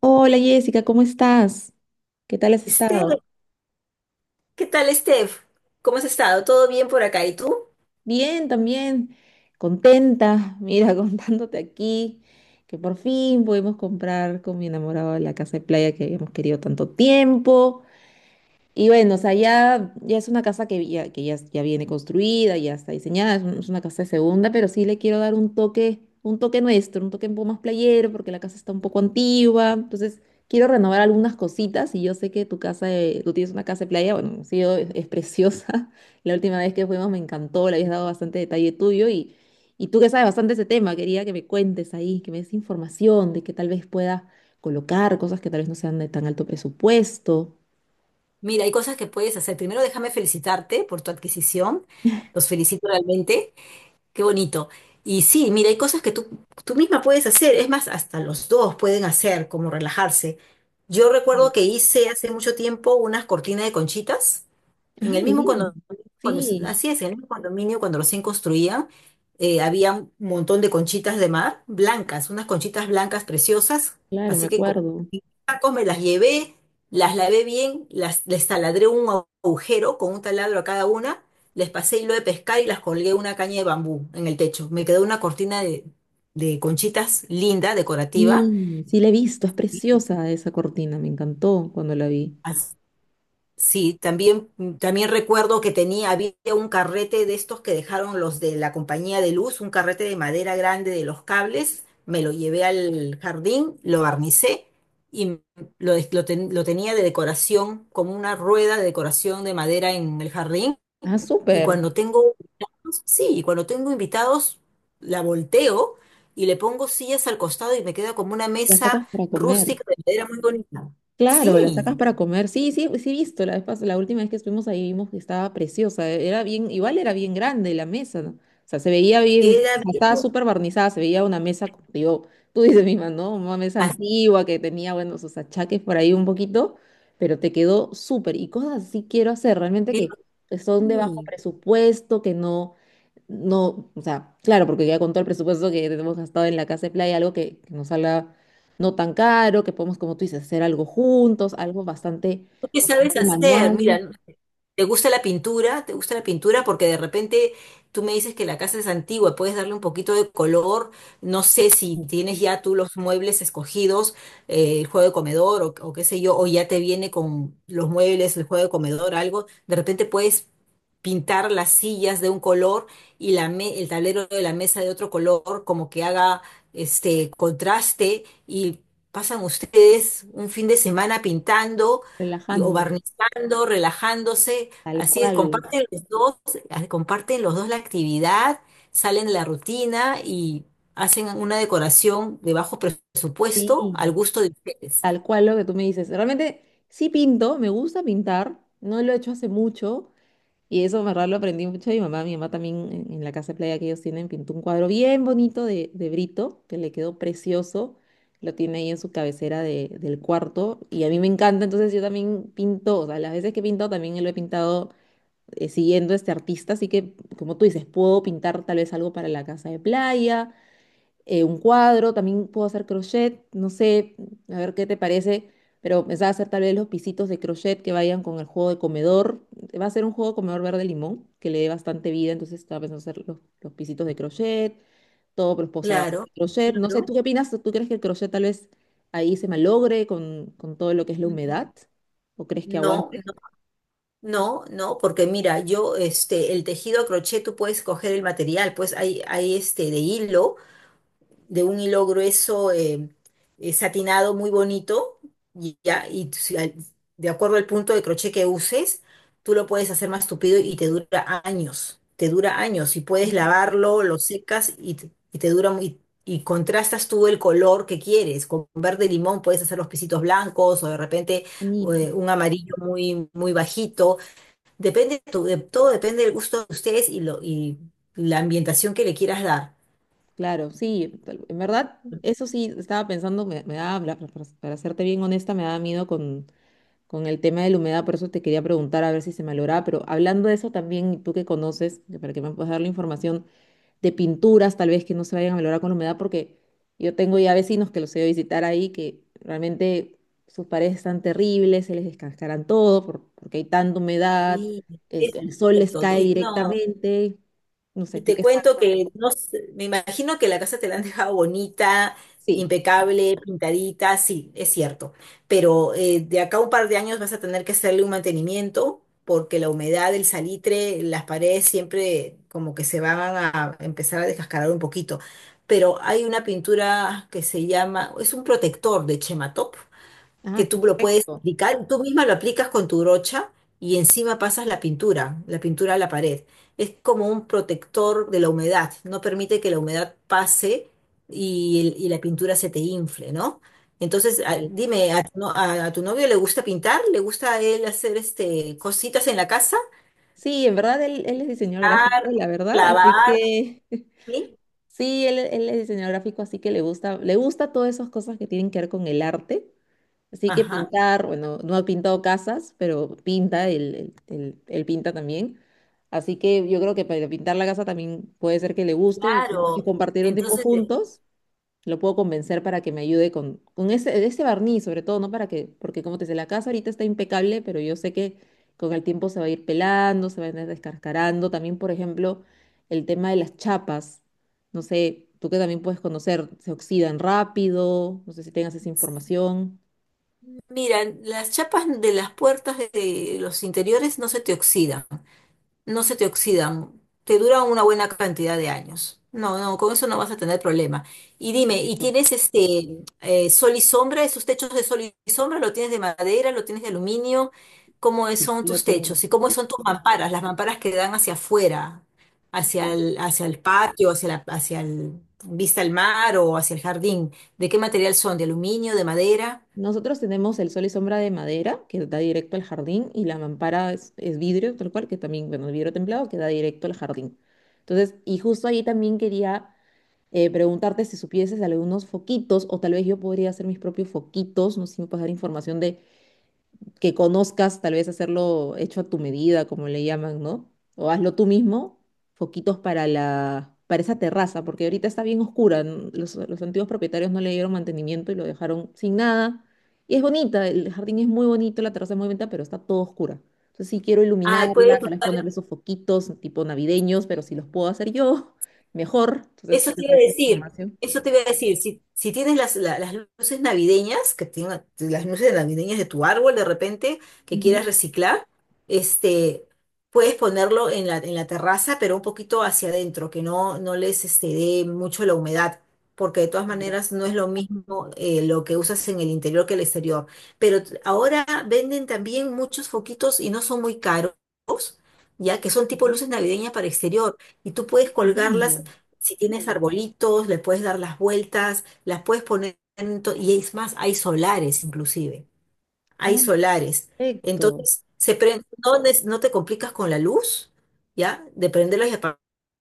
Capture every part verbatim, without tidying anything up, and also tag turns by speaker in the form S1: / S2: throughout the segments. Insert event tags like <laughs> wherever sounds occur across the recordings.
S1: Hola Jessica, ¿cómo estás? ¿Qué tal has estado?
S2: Steph, ¿qué tal, Steph? ¿Cómo has estado? ¿Todo bien por acá? ¿Y tú?
S1: Bien, también. Contenta, mira, <laughs> contándote aquí que por fin pudimos comprar con mi enamorado la casa de playa que habíamos querido tanto tiempo. Y bueno, o sea, ya, ya es una casa que, ya, que ya, ya viene construida, ya está diseñada, es, un- es una casa de segunda, pero sí le quiero dar un toque, un toque nuestro, un toque un poco más playero, porque la casa está un poco antigua, entonces quiero renovar algunas cositas y yo sé que tu casa, de- tú tienes una casa de playa, bueno, sí, o- es, es preciosa, <laughs> la última vez que fuimos me encantó, le habías dado bastante detalle tuyo, y, y tú que sabes bastante ese tema, quería que me cuentes ahí, que me des información de que tal vez pueda colocar cosas que tal vez no sean de tan alto presupuesto.
S2: Mira, hay cosas que puedes hacer. Primero, déjame felicitarte por tu adquisición. Los felicito realmente. Qué bonito. Y sí, mira, hay cosas que tú, tú misma puedes hacer, es más, hasta los dos pueden hacer, como relajarse. Yo recuerdo que hice hace mucho tiempo unas cortinas de conchitas en
S1: Ah,
S2: el mismo
S1: lindo.
S2: condominio, cuando,
S1: Sí,
S2: así es, en el mismo condominio, cuando recién construían, eh, había un montón de conchitas de mar, blancas, unas conchitas blancas preciosas,
S1: claro, me
S2: así que con
S1: acuerdo.
S2: tacos me las llevé, las lavé bien, las, les taladré un agujero con un taladro a cada una, les pasé hilo de pescar y las colgué una caña de bambú en el techo. Me quedó una cortina de, de conchitas linda, decorativa.
S1: Sí, sí la he visto, es preciosa esa cortina, me encantó cuando la vi.
S2: As- Sí, también, también recuerdo que tenía, había un carrete de estos que dejaron los de la compañía de luz, un carrete de madera grande de los cables, me lo llevé al jardín, lo barnicé y lo, des- lo ten- lo tenía de decoración, como una rueda de decoración de madera en el jardín.
S1: Ah,
S2: Y
S1: súper.
S2: cuando tengo invitados, sí, y cuando tengo invitados, la volteo y le pongo sillas al costado y me queda como una
S1: La
S2: mesa
S1: sacas para comer.
S2: rústica de madera muy bonita.
S1: Claro, la
S2: Sí,
S1: sacas para comer. Sí, sí, sí he visto. La vez pas- la última vez que estuvimos ahí vimos que estaba preciosa. e-, Era bien, igual era bien grande la mesa, ¿no? O sea, se veía bien, o
S2: queda
S1: sea,
S2: bien.
S1: estaba súper barnizada, se veía una mesa, como te digo, <laughs> tú dices misma, ¿no? Una mesa
S2: Así,
S1: antigua que tenía, bueno, sus achaques por ahí un poquito, pero te quedó súper. Y cosas así quiero hacer, realmente que que son de bajo
S2: sí.
S1: presupuesto, que no, no, o sea, claro, porque ya con todo el presupuesto que tenemos gastado en la casa de playa, algo que, que nos salga no tan caro, que podemos, como tú dices, hacer algo juntos, algo bastante,
S2: ¿Tú qué sabes
S1: bastante
S2: hacer?
S1: manual,
S2: Mira, ¿te gusta la pintura? ¿Te gusta la pintura? Porque de repente tú me dices que la casa es antigua, puedes darle un poquito de color. No sé si tienes ya tú los muebles escogidos, eh, el juego de comedor o, o qué sé yo, o ya te viene con los muebles, el juego de comedor, algo. De repente puedes pintar las sillas de un color y la me- el tablero de la mesa de otro color, como que haga este contraste y pasan ustedes un fin de semana pintando y, o
S1: relajándonos,
S2: barnizando, relajándose,
S1: tal
S2: así es,
S1: cual,
S2: comparten los dos, ah, comparten los dos la actividad, salen de la rutina y hacen una decoración de bajo presupuesto al
S1: sí,
S2: gusto de ustedes.
S1: tal cual lo que tú me dices. Realmente sí pinto, me gusta pintar, no lo he hecho hace mucho. Y eso, en verdad, lo aprendí mucho de mi mamá. Mi mamá también en, en la casa de playa que ellos tienen pintó un cuadro bien bonito de, de Brito, que le quedó precioso. Lo tiene ahí en su cabecera de- del cuarto. Y a mí me encanta, entonces yo también pinto. O sea, las veces que he pintado también lo he pintado eh, siguiendo a este artista. Así que, como tú dices, puedo pintar tal vez algo para la casa de playa, eh, un cuadro. También puedo hacer crochet, no sé, a ver qué te parece, pero pensaba hacer tal vez los pisitos de crochet que vayan con el juego de comedor. Va a ser un juego de comedor verde limón que le dé bastante vida, entonces estaba pensando hacer los, los pisitos de crochet, todos los posavasos
S2: Claro,
S1: de crochet. No sé, ¿tú
S2: claro.
S1: qué opinas? ¿Tú crees que el crochet tal vez ahí se malogre con, con todo lo que es la
S2: Ujú.
S1: humedad? ¿O crees que
S2: No,
S1: aguante?
S2: no, no, no, porque mira, yo, este, el tejido a crochet, tú puedes coger el material, pues hay, hay este de hilo, de un hilo grueso, eh, eh, satinado muy bonito y ya y tú si al- de acuerdo al punto de crochet que uses, tú lo puedes hacer más tupido y te dura años, te dura años y
S1: Ah,
S2: puedes
S1: perfecto.
S2: lavarlo, lo secas y, te y te dura muy, y contrastas tú el color que quieres. Con verde limón puedes hacer los pisitos blancos o de repente
S1: Bonito.
S2: eh, un amarillo muy muy bajito. Depende tu- de- todo depende del gusto de ustedes y lo y la ambientación que le quieras dar.
S1: Claro, sí, tal- en verdad, eso sí, estaba pensando, me, me daba, la- para para serte bien honesta, me daba miedo con, con el tema de la humedad, por eso te quería preguntar a ver si se me lograba, pero hablando de eso también, y tú que conoces, que para que me puedas dar la información de pinturas, tal vez que no se vayan a valorar con la humedad, porque yo tengo ya vecinos que los he ido a visitar ahí, que realmente sus paredes están terribles, se les descascaran todo, por- porque hay tanta humedad,
S2: Y
S1: el,
S2: eso es
S1: el sol les
S2: cierto.
S1: cae
S2: Y no,
S1: directamente, no sé,
S2: y
S1: tú
S2: te
S1: qué sabes,
S2: cuento que no sé, me imagino que la casa te la han dejado bonita,
S1: sí.
S2: impecable, pintadita, sí, es cierto. Pero eh, de acá a un par de años vas a tener que hacerle un mantenimiento porque la humedad del salitre, las paredes siempre como que se van a empezar a descascarar un poquito. Pero hay una pintura que se llama, es un protector de Chematop, que
S1: Ah,
S2: tú lo puedes
S1: perfecto.
S2: aplicar, tú misma lo aplicas con tu brocha y encima pasas la pintura, la pintura a la pared. Es como un protector de la humedad, no permite que la humedad pase y, el- y la pintura se te infle, ¿no? Entonces, a-
S1: Genial.
S2: dime, ¿a tu, no- a- a tu novio le gusta pintar? ¿Le gusta a él hacer este, cositas en la casa?
S1: Sí, en verdad él, él es diseñador gráfico,
S2: Pintar,
S1: la verdad, así
S2: clavar,
S1: que
S2: ¿sí?
S1: sí, él, él es diseñador gráfico, así que le gusta, le gusta todas esas cosas que tienen que ver con el arte. Así que
S2: Ajá,
S1: pintar, bueno, no ha pintado casas, pero pinta, él, él- él- él pinta también. Así que yo creo que para pintar la casa también puede ser que le guste y como dices,
S2: claro.
S1: compartir un tiempo
S2: Entonces,
S1: juntos. Lo puedo convencer para que me ayude con, con ese, ese barniz, sobre todo, ¿no? Para que, porque como te decía, la casa ahorita está impecable, pero yo sé que con el tiempo se va a ir pelando, se va a ir descascarando. También, por ejemplo, el tema de las chapas. No sé, tú que también puedes conocer, se oxidan rápido. No sé si tengas esa información.
S2: mira, las chapas de las puertas de de los interiores no se te oxidan, no se te oxidan, te duran una buena cantidad de años. No, no, con eso no vas a tener problema. Y dime, ¿y
S1: Perfecto.
S2: tienes este, eh, sol y sombra? ¿Esos techos de sol y sombra lo tienes de madera, lo tienes de aluminio? ¿Cómo es-
S1: Sí,
S2: son
S1: lo
S2: tus
S1: tengo.
S2: techos? ¿Y cómo son tus mamparas? Las mamparas que dan hacia afuera, hacia
S1: Ya.
S2: el, hacia el patio, hacia la, hacia el vista al mar o hacia el jardín. ¿De qué material son? ¿De aluminio, de madera?
S1: Nosotros tenemos el sol y sombra de madera que da directo al jardín y la mampara es, es vidrio, tal cual, que también, bueno, el vidrio templado que da directo al jardín. Entonces, y justo ahí también quería eh, preguntarte si supieses algunos foquitos o tal vez yo podría hacer mis propios foquitos, no sé si me puedes dar información de que conozcas, tal vez hacerlo hecho a tu medida, como le llaman, ¿no? O hazlo tú mismo, foquitos para la, para esa terraza, porque ahorita está bien oscura. n- Los, los antiguos propietarios no le dieron mantenimiento y lo dejaron sin nada. Y es bonita, el jardín es muy bonito, la terraza es muy bonita, pero está todo oscura. Entonces sí quiero
S2: Ay,
S1: iluminarla,
S2: puedes
S1: tal vez
S2: usar.
S1: ponerle esos foquitos tipo navideños, pero si los puedo hacer yo, <laughs> mejor. Entonces tú
S2: Eso
S1: te
S2: te iba a
S1: puedes hacer
S2: decir,
S1: información.
S2: eso te iba a decir, si, si tienes las, la- las luces navideñas, que tenga- las luces navideñas de tu árbol de repente, que quieras
S1: Ujú.
S2: reciclar, este, puedes ponerlo en la, en la terraza, pero un poquito hacia adentro, que no, no les este, dé mucho la humedad, porque de todas
S1: Claro.
S2: maneras no es lo mismo eh, lo que usas en el interior que el exterior. Pero t- ahora venden también muchos foquitos y no son muy caros, ya que son tipo
S1: Ah,
S2: luces navideñas para exterior, y tú puedes colgarlas.
S1: lindo.
S2: Si tienes arbolitos, le puedes dar las vueltas, las puedes poner, en to- y es más, hay solares inclusive, hay
S1: Ah,
S2: solares.
S1: perfecto.
S2: Entonces, se prend- no, nes- no te complicas con la luz, ¿ya? De prenderlos y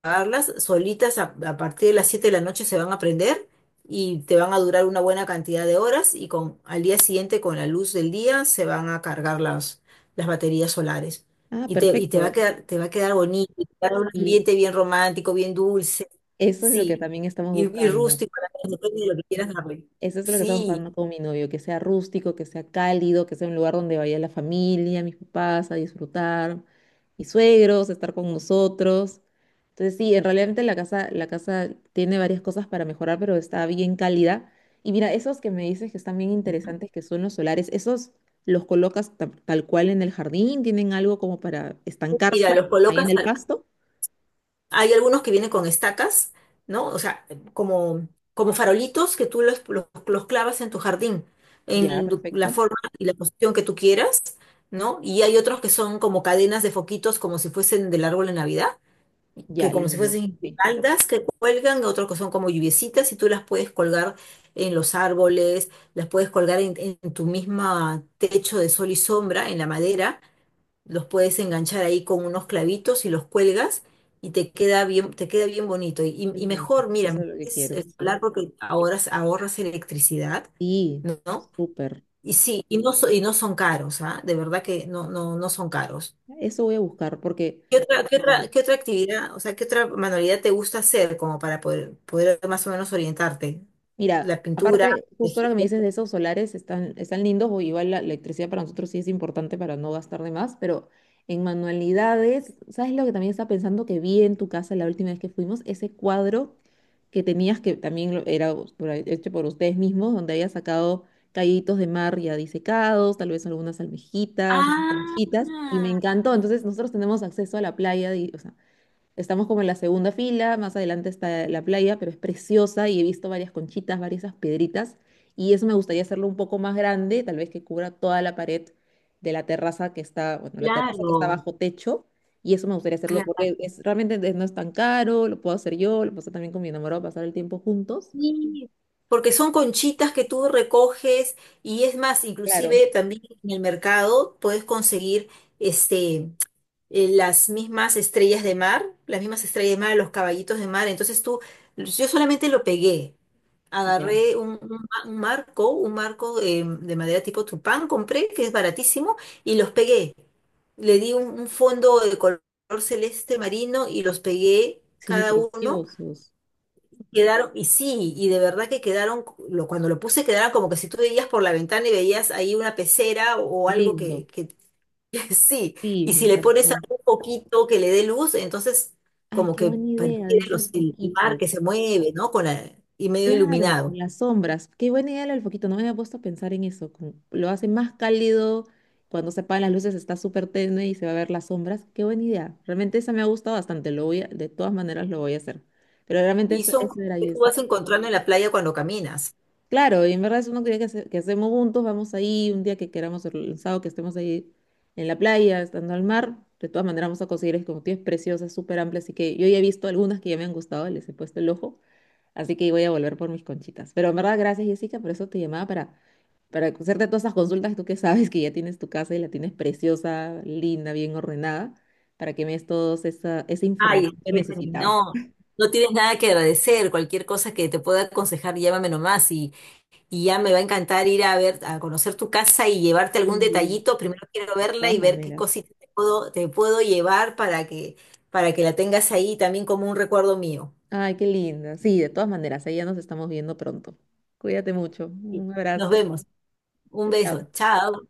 S2: pagarlas, solitas a, a partir de las siete de la noche se van a aprender y te van a durar una buena cantidad de horas y con, al día siguiente con la luz del día se van a cargar las, las baterías solares.
S1: Ah,
S2: Y te, y te va a
S1: perfecto.
S2: quedar, te va a quedar bonito, y te va a dar un
S1: Sí,
S2: ambiente bien romántico, bien dulce,
S1: eso es lo que
S2: sí,
S1: también estamos
S2: y, y
S1: buscando.
S2: rústico, depende de lo que quieras darle.
S1: Eso es lo que estamos
S2: Sí,
S1: buscando con mi novio, que sea rústico, que sea cálido, que sea un lugar donde vaya la familia, mis papás a disfrutar, mis suegros, a estar con nosotros. Entonces sí, en realidad la casa, la casa tiene varias cosas para mejorar, pero está bien cálida. Y mira, esos que me dices que están bien interesantes, que son los solares, ¿esos los colocas ta- tal cual en el jardín? ¿Tienen algo como para
S2: mira,
S1: estancarse
S2: los
S1: ahí en
S2: colocas.
S1: el pasto?
S2: Hay algunos que vienen con estacas, ¿no? O sea, como, como farolitos que tú los, los, los clavas en tu jardín,
S1: Ya,
S2: en tu- la
S1: perfecto.
S2: forma y la posición que tú quieras, ¿no? Y hay otros que son como cadenas de foquitos, como si fuesen del árbol de Navidad, que
S1: Ya,
S2: como si
S1: lindo.
S2: fuesen
S1: Ok.
S2: guirnaldas que cuelgan, otros que son como lluviecitas y tú las puedes colgar en los árboles, las puedes colgar en, en tu misma techo de sol y sombra, en la madera los puedes enganchar ahí con unos clavitos y los cuelgas y te queda bien, te queda bien bonito. Y, y-
S1: Qué
S2: y
S1: lindo.
S2: mejor, mira,
S1: Eso es
S2: mejor
S1: lo que
S2: es
S1: quiero,
S2: el
S1: sí.
S2: solar porque ahorras, ahorras electricidad,
S1: Sí,
S2: ¿no?
S1: súper.
S2: Y sí, y no, so- y no son caros, ¿ah? De verdad que no, no, no son caros.
S1: Eso voy a buscar porque
S2: ¿Qué otra, qué otra, qué otra actividad, o sea, qué otra manualidad te gusta hacer como para poder, poder más o menos orientarte?
S1: mira,
S2: La pintura,
S1: aparte, justo ahora que me
S2: tejido.
S1: dices de esos solares, están, están lindos, o igual la electricidad para nosotros sí es importante para no gastar de más, pero en manualidades, ¿sabes lo que también estaba pensando que vi en tu casa la última vez que fuimos? Ese cuadro que tenías, que también lo- era us- por ahí- hecho por ustedes mismos, donde había sacado callitos de mar ya disecados, tal vez algunas almejitas, unas
S2: Ah,
S1: conchitas, y me encantó. Entonces, nosotros tenemos acceso a la playa, y estamos como en la segunda fila, más adelante está la playa, pero es preciosa y he visto varias conchitas, varias esas piedritas, y eso me gustaría hacerlo un poco más grande, tal vez que cubra toda la pared de la terraza que está, bueno, la terraza que está
S2: claro.
S1: bajo techo, y eso me gustaría hacerlo porque es, realmente de- no es tan caro, lo puedo hacer yo, lo puedo hacer también con mi enamorado, pasar el tiempo juntos.
S2: Sí, porque son conchitas que tú recoges y es más,
S1: Claro.
S2: inclusive también en el mercado puedes conseguir este, eh, las mismas estrellas de mar, las mismas estrellas de mar, los caballitos de mar. Entonces tú, yo solamente lo pegué.
S1: Ya,
S2: Agarré un, un ma- un marco, un marco, eh, de madera tipo tupán, compré, que es baratísimo, y los pegué. Le di un, un fondo de color celeste marino y los pegué
S1: sí,
S2: cada uno.
S1: preciosos,
S2: Quedaron, y sí, y de verdad que quedaron, lo, cuando lo puse quedaron como que si tú veías por la ventana y veías ahí una pecera o, algo que,
S1: lindo,
S2: que, <laughs> sí,
S1: sí,
S2: y
S1: me
S2: si le pones
S1: encantó.
S2: algún poquito que le dé luz, entonces
S1: Ay,
S2: como
S1: qué
S2: que
S1: buena idea de
S2: pareciera
S1: eso el
S2: los, el mar
S1: foquito.
S2: que se mueve, ¿no? Con la- y medio
S1: Claro, con
S2: iluminado.
S1: las sombras. Qué buena idea lo del foquito. No me había puesto a pensar en eso. Como lo hace más cálido. Cuando se apagan las luces está súper tenue y se va a ver las sombras. Qué buena idea. Realmente esa me ha gustado bastante. Lo voy a- de todas maneras lo voy a hacer. Pero realmente
S2: Y
S1: eso,
S2: son
S1: eso
S2: cosas
S1: era
S2: que tú vas
S1: Jessica.
S2: encontrando en la playa cuando caminas.
S1: Claro, y en verdad es uno actividad que, hace- que hacemos juntos. Vamos ahí un día que queramos, el sábado que estemos ahí en la playa, estando al mar. De todas maneras vamos a conseguir, es como tienes preciosas, súper amplias. Así que yo ya he visto algunas que ya me han gustado. Les he puesto el ojo. Así que voy a volver por mis conchitas. Pero en verdad, gracias, Jessica, por eso te llamaba para, para hacerte todas esas consultas. Tú que sabes que ya tienes tu casa y la tienes preciosa, linda, bien ordenada, para que me des toda esa, esa
S2: Ay,
S1: información que
S2: Stephanie,
S1: necesitaba.
S2: no, no tienes nada que agradecer, cualquier cosa que te pueda aconsejar, llámame nomás. y, Y ya me va a encantar ir a ver, a conocer tu casa y llevarte algún
S1: Y
S2: detallito. Primero quiero
S1: de
S2: verla
S1: todas
S2: y ver qué
S1: maneras.
S2: cosita te puedo, te puedo llevar para que, para que la tengas ahí también como un recuerdo mío.
S1: Ay, qué linda. Sí, de todas maneras, ahí ya nos estamos viendo pronto. Cuídate mucho.
S2: Sí.
S1: Un
S2: Nos
S1: abrazo.
S2: vemos. Un
S1: Chao.
S2: beso. Chao.